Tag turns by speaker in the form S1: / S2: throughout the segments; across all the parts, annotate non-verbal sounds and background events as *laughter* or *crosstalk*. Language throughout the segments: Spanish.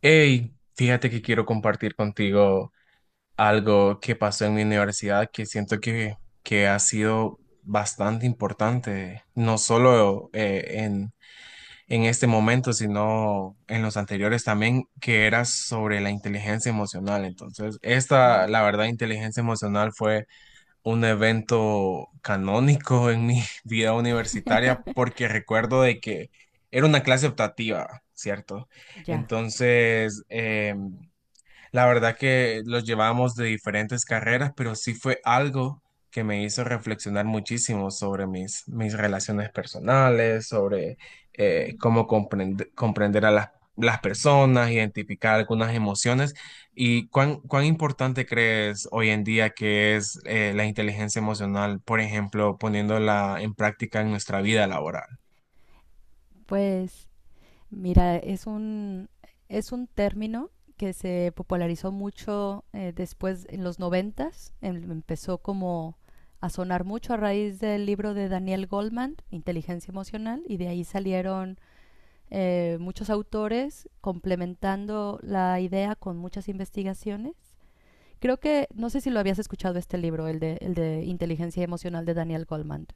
S1: Hey, fíjate que quiero compartir contigo algo que pasó en mi universidad que siento que ha sido bastante importante, no solo en este momento, sino en los anteriores también, que era sobre la inteligencia emocional. Entonces, esta,
S2: Ujú.
S1: la verdad, inteligencia emocional fue un evento canónico en mi *laughs* vida universitaria porque recuerdo de que era una clase optativa, ¿cierto?
S2: Ya,
S1: Entonces, la verdad que los llevábamos de diferentes carreras, pero sí fue algo que me hizo reflexionar muchísimo sobre mis relaciones personales, sobre cómo comprender a las personas, identificar algunas emociones y cuán importante crees hoy en día que es la inteligencia emocional, por ejemplo, poniéndola en práctica en nuestra vida laboral.
S2: pues mira, es un término que se popularizó mucho después en los noventas, empezó como a sonar mucho a raíz del libro de Daniel Goldman, Inteligencia Emocional, y de ahí salieron muchos autores complementando la idea con muchas investigaciones. Creo que, no sé si lo habías escuchado este libro, el de Inteligencia Emocional de Daniel Goldman.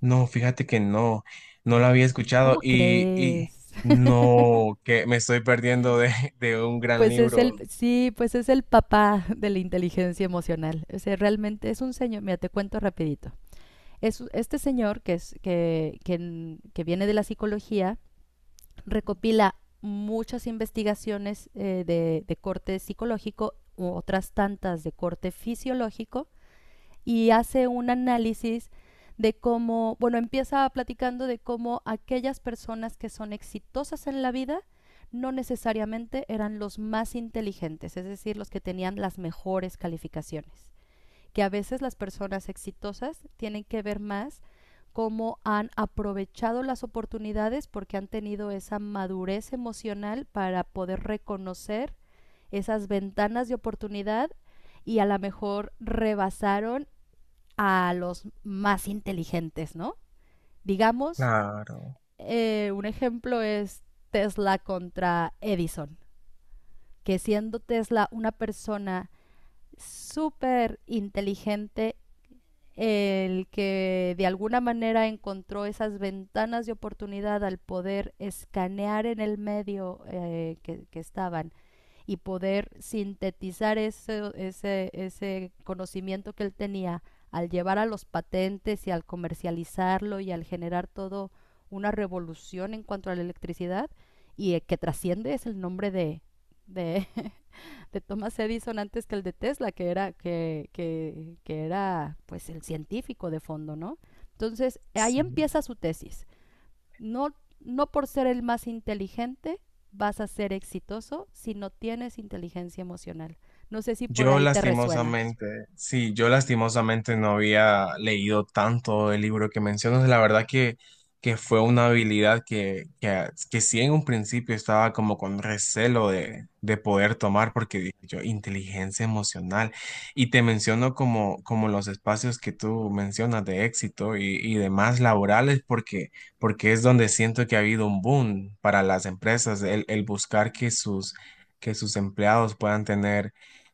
S1: No, fíjate que no lo había escuchado
S2: ¿Cómo
S1: y
S2: crees?
S1: no, que me estoy perdiendo de un gran
S2: Pues es
S1: libro.
S2: el, sí, pues es el papá de la inteligencia emocional. O sea, realmente es un señor, mira, te cuento rapidito. Es, este señor que, es, que, que viene de la psicología, recopila muchas investigaciones de corte psicológico u otras tantas de corte fisiológico y hace un análisis de cómo, bueno, empieza platicando de cómo aquellas personas que son exitosas en la vida no necesariamente eran los más inteligentes, es decir, los que tenían las mejores calificaciones, que a veces las personas exitosas tienen que ver más cómo han aprovechado las oportunidades porque han tenido esa madurez emocional para poder reconocer esas ventanas de oportunidad y a lo mejor rebasaron a los más inteligentes, ¿no? Digamos,
S1: Claro,
S2: un ejemplo es Tesla contra Edison, que siendo Tesla una persona súper inteligente, el que de alguna manera encontró esas ventanas de oportunidad al poder escanear en el medio que estaban y poder sintetizar ese conocimiento que él tenía al llevar a los patentes y al comercializarlo y al generar todo una revolución en cuanto a la electricidad, y el que trasciende es el nombre de, *laughs* de Thomas Edison antes que el de Tesla, que era, que era pues el científico de fondo, ¿no? Entonces, ahí
S1: sí.
S2: empieza su tesis. No, no por ser el más inteligente vas a ser exitoso si no tienes inteligencia emocional. No sé si por
S1: Yo
S2: ahí te resuena.
S1: lastimosamente, sí, yo lastimosamente no había leído tanto el libro que mencionas. La verdad que fue una habilidad que sí en un principio estaba como con recelo de poder tomar porque dije yo, inteligencia emocional. Y te menciono como los espacios que tú mencionas de éxito y demás laborales porque es donde siento que ha habido un boom para las empresas, el buscar que que sus empleados puedan tener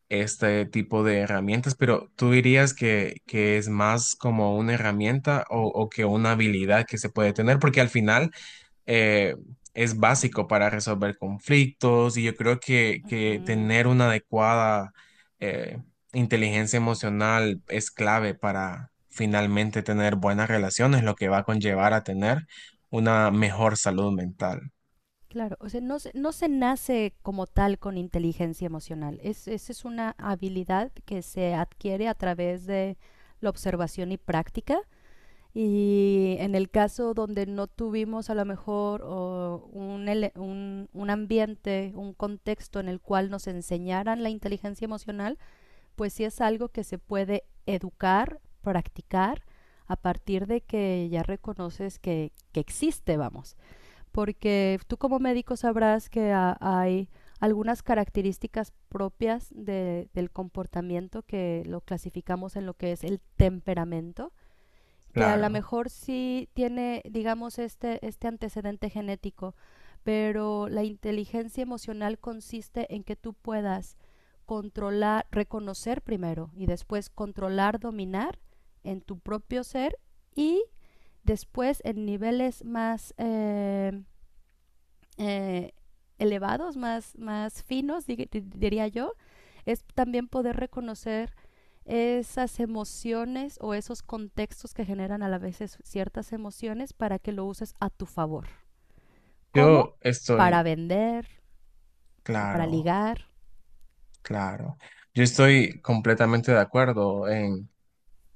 S1: este tipo de herramientas, pero ¿tú dirías que es más como una herramienta o que una habilidad que se puede tener? Porque al final eh, es básico para resolver conflictos y yo creo que
S2: Ujú.
S1: tener una adecuada eh, inteligencia emocional es clave para finalmente tener buenas relaciones, lo que va a conllevar a tener una mejor salud mental.
S2: Claro, o sea, no se nace como tal con inteligencia emocional. Es, esa es una habilidad que se adquiere a través de la observación y práctica. Y en el caso donde no tuvimos a lo mejor o un, un ambiente, un contexto en el cual nos enseñaran la inteligencia emocional, pues sí es algo que se puede educar, practicar, a partir de que ya reconoces que existe, vamos. Porque tú como médico sabrás que hay algunas características propias del comportamiento que lo clasificamos en lo que es el temperamento, que a lo
S1: Claro,
S2: mejor sí tiene, digamos, este antecedente genético, pero la inteligencia emocional consiste en que tú puedas controlar, reconocer primero y después controlar, dominar en tu propio ser, y después en niveles más eh, elevados, más, más finos, diría yo, es también poder reconocer esas emociones o esos contextos que generan a la vez ciertas emociones para que lo uses a tu favor. ¿Cómo?
S1: yo
S2: Para
S1: estoy,
S2: vender o para
S1: claro.
S2: ligar.
S1: Claro, yo estoy completamente de acuerdo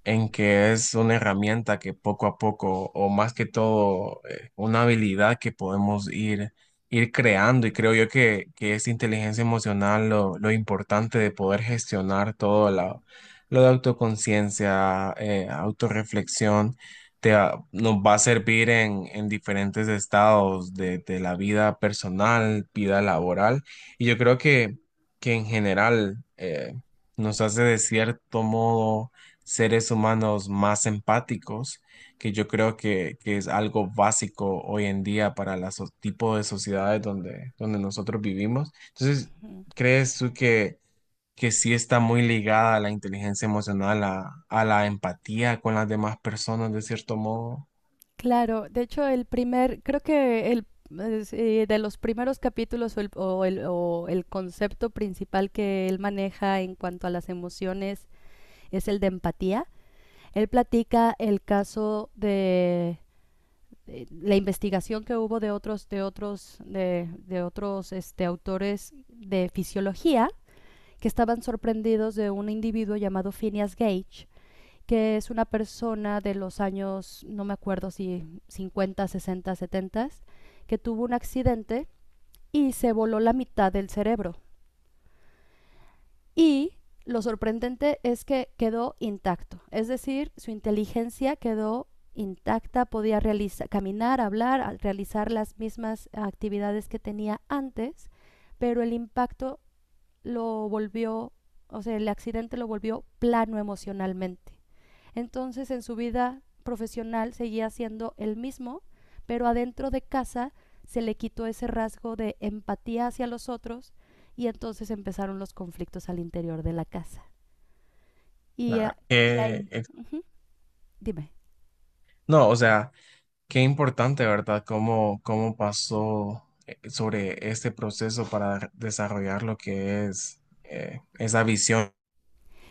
S1: en que es una herramienta que poco a poco, o más que todo, una habilidad que podemos ir creando. Y creo yo que es inteligencia emocional lo importante de poder gestionar todo lo de autoconciencia, autorreflexión. Nos va a servir en diferentes estados de la vida personal, vida laboral. Y yo creo que en general nos hace de cierto modo seres humanos más empáticos, que yo creo que es algo básico hoy en día para los tipos de sociedades donde nosotros vivimos. Entonces,
S2: Ujú.
S1: ¿crees tú que sí está muy ligada a la inteligencia emocional, a la empatía con las demás personas, de cierto modo?
S2: Claro, de hecho el primer, creo que el es, de los primeros capítulos o el, o el concepto principal que él maneja en cuanto a las emociones es el de empatía. Él platica el caso de, la investigación que hubo de otros este, autores de fisiología que estaban sorprendidos de un individuo llamado Phineas Gage, que es una persona de los años, no me acuerdo si 50, 60, 70, que tuvo un accidente y se voló la mitad del cerebro. Y lo sorprendente es que quedó intacto, es decir, su inteligencia quedó intacta, podía realizar, caminar, hablar, realizar las mismas actividades que tenía antes, pero el impacto lo volvió, o sea, el accidente lo volvió plano emocionalmente. Entonces en su vida profesional seguía siendo el mismo, pero adentro de casa se le quitó ese rasgo de empatía hacia los otros y entonces empezaron los conflictos al interior de la casa. Y,
S1: La-
S2: y ahí,
S1: que- eh,
S2: ujú, dime.
S1: no, o sea, qué importante, ¿verdad? ¿Cómo, cómo pasó? Sobre este proceso para desarrollar lo que es esa visión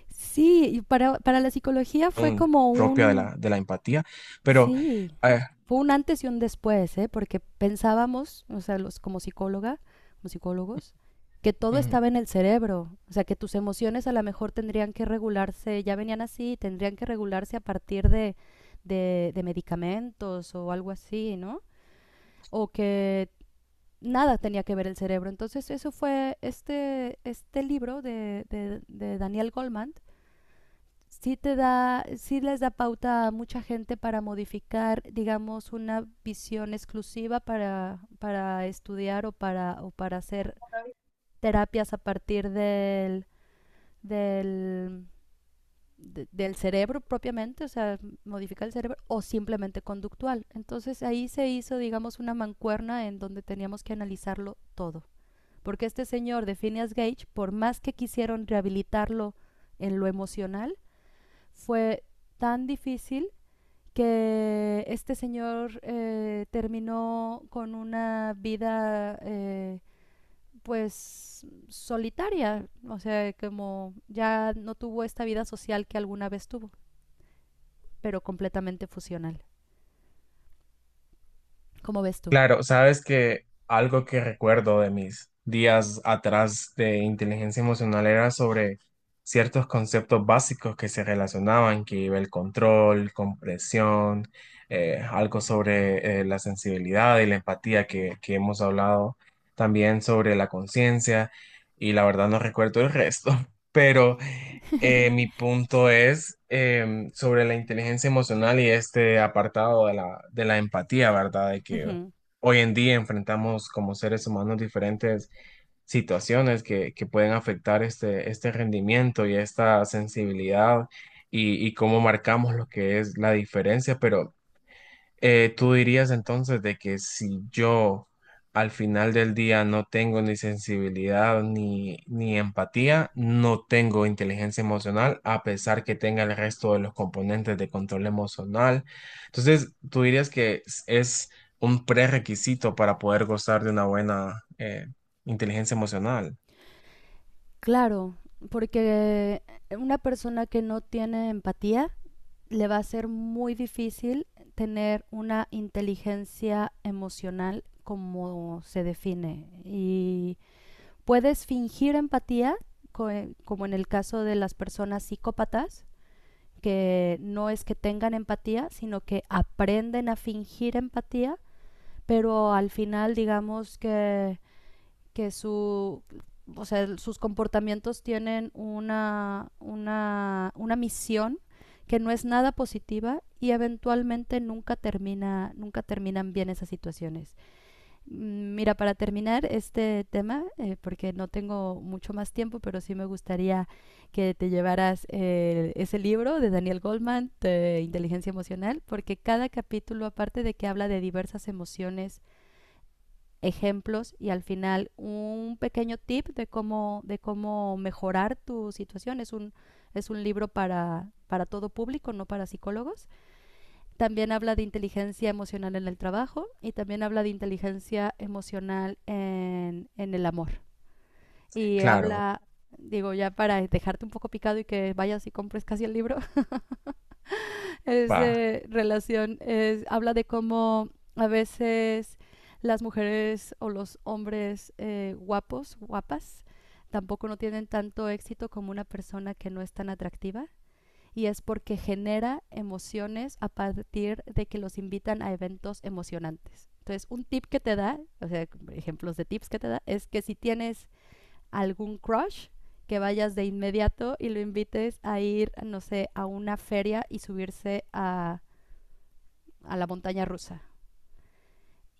S2: Sí, y para la psicología fue como
S1: propia de
S2: un,
S1: de la empatía, pero
S2: sí,
S1: eh,
S2: fue un antes y un después, ¿eh? Porque pensábamos, o sea, los como psicóloga, como psicólogos, que todo
S1: ujú.
S2: estaba en el cerebro, o sea, que tus emociones a lo mejor tendrían que regularse, ya venían así, tendrían que regularse a partir de medicamentos o algo así, ¿no? O que nada tenía que ver el cerebro. Entonces, eso fue este, este libro de Daniel Goldman, sí te da, sí les da pauta a mucha gente para modificar, digamos, una visión exclusiva para estudiar o para hacer terapias a partir del, del cerebro propiamente, o sea, modificar el cerebro, o simplemente conductual. Entonces ahí se hizo, digamos, una mancuerna en donde teníamos que analizarlo todo. Porque este señor de Phineas Gage, por más que quisieron rehabilitarlo en lo emocional, fue tan difícil que este señor terminó con una vida pues solitaria, o sea, como ya no tuvo esta vida social que alguna vez tuvo, pero completamente fusional. ¿Cómo ves tú?
S1: Claro, sabes que algo que recuerdo de mis días atrás de inteligencia emocional era sobre ciertos conceptos básicos que se relacionaban, que iba el control, compresión, algo sobre la sensibilidad y la empatía que hemos hablado, también sobre la conciencia, y la verdad no recuerdo el resto, *laughs* pero mi punto es sobre la inteligencia emocional y este apartado de de la empatía, ¿verdad? De que
S2: Ujú.
S1: hoy en día enfrentamos como seres humanos diferentes situaciones que pueden afectar este rendimiento y esta sensibilidad y cómo marcamos lo que es la diferencia, pero ¿tú dirías entonces de que si yo al final del día no tengo ni sensibilidad ni empatía, no tengo inteligencia emocional, a pesar que tenga el resto de los componentes de control emocional? Entonces, ¿tú dirías que es un prerrequisito para poder gozar de una buena inteligencia emocional?
S2: Claro, porque una persona que no tiene empatía le va a ser muy difícil tener una inteligencia emocional como se define. Y puedes fingir empatía, como en el caso de las personas psicópatas, que no es que tengan empatía, sino que aprenden a fingir empatía, pero al final digamos que su, o sea, sus comportamientos tienen una misión que no es nada positiva y eventualmente nunca termina, nunca terminan bien esas situaciones. Mira, para terminar este tema, porque no tengo mucho más tiempo, pero sí me gustaría que te llevaras ese libro de Daniel Goldman, de Inteligencia Emocional, porque cada capítulo, aparte de que habla de diversas emociones, ejemplos y al final un pequeño tip de cómo mejorar tu situación, es un libro para todo público, no para psicólogos. También habla de inteligencia emocional en el trabajo y también habla de inteligencia emocional en el amor. Y
S1: Claro,
S2: habla, digo, ya para dejarte un poco picado y que vayas y compres casi el libro, *laughs* es
S1: va.
S2: relación, es, habla de cómo a veces las mujeres o los hombres guapos, guapas, tampoco no tienen tanto éxito como una persona que no es tan atractiva, y es porque genera emociones a partir de que los invitan a eventos emocionantes. Entonces, un tip que te da, o sea, ejemplos de tips que te da, es que si tienes algún crush, que vayas de inmediato y lo invites a ir, no sé, a una feria y subirse a la montaña rusa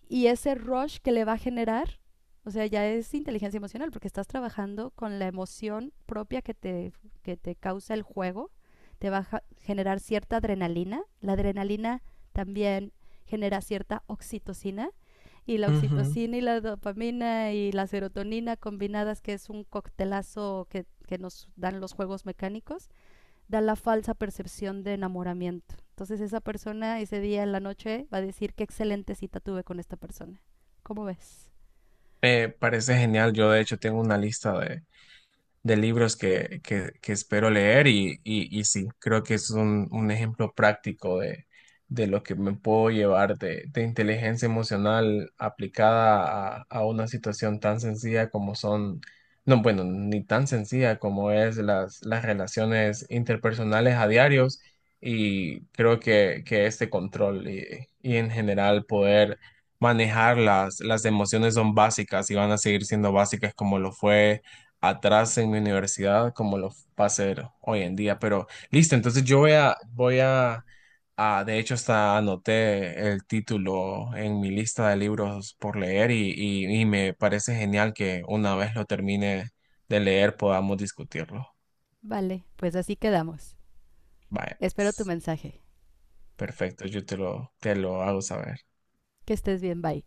S2: y ese rush que le va a generar, o sea, ya es inteligencia emocional porque estás trabajando con la emoción propia que te causa el juego, te va a generar cierta adrenalina, la adrenalina también genera cierta
S1: Ujú.
S2: oxitocina y la dopamina y la serotonina combinadas, que es un coctelazo que nos dan los juegos mecánicos, da la falsa percepción de enamoramiento. Entonces esa persona ese día en la noche va a decir qué excelente cita tuve con esta persona. ¿Cómo ves?
S1: Parece genial. Yo de hecho tengo una lista de libros que espero leer y sí, creo que es un ejemplo práctico de lo que me puedo llevar de inteligencia emocional aplicada a una situación tan sencilla como son, no, bueno, ni tan sencilla como es las relaciones interpersonales a diarios y creo que este control y en general poder manejar las emociones son básicas y van a seguir siendo básicas como lo fue atrás en mi universidad como lo va a hacer hoy en día. Pero listo, entonces yo voy de hecho hasta anoté el título en mi lista de libros por leer y me parece genial que una vez lo termine de leer podamos discutirlo.
S2: Vale, pues así quedamos.
S1: Vaya,
S2: Espero tu
S1: pues,
S2: mensaje.
S1: perfecto, yo te te lo hago saber.
S2: Que estés bien, bye.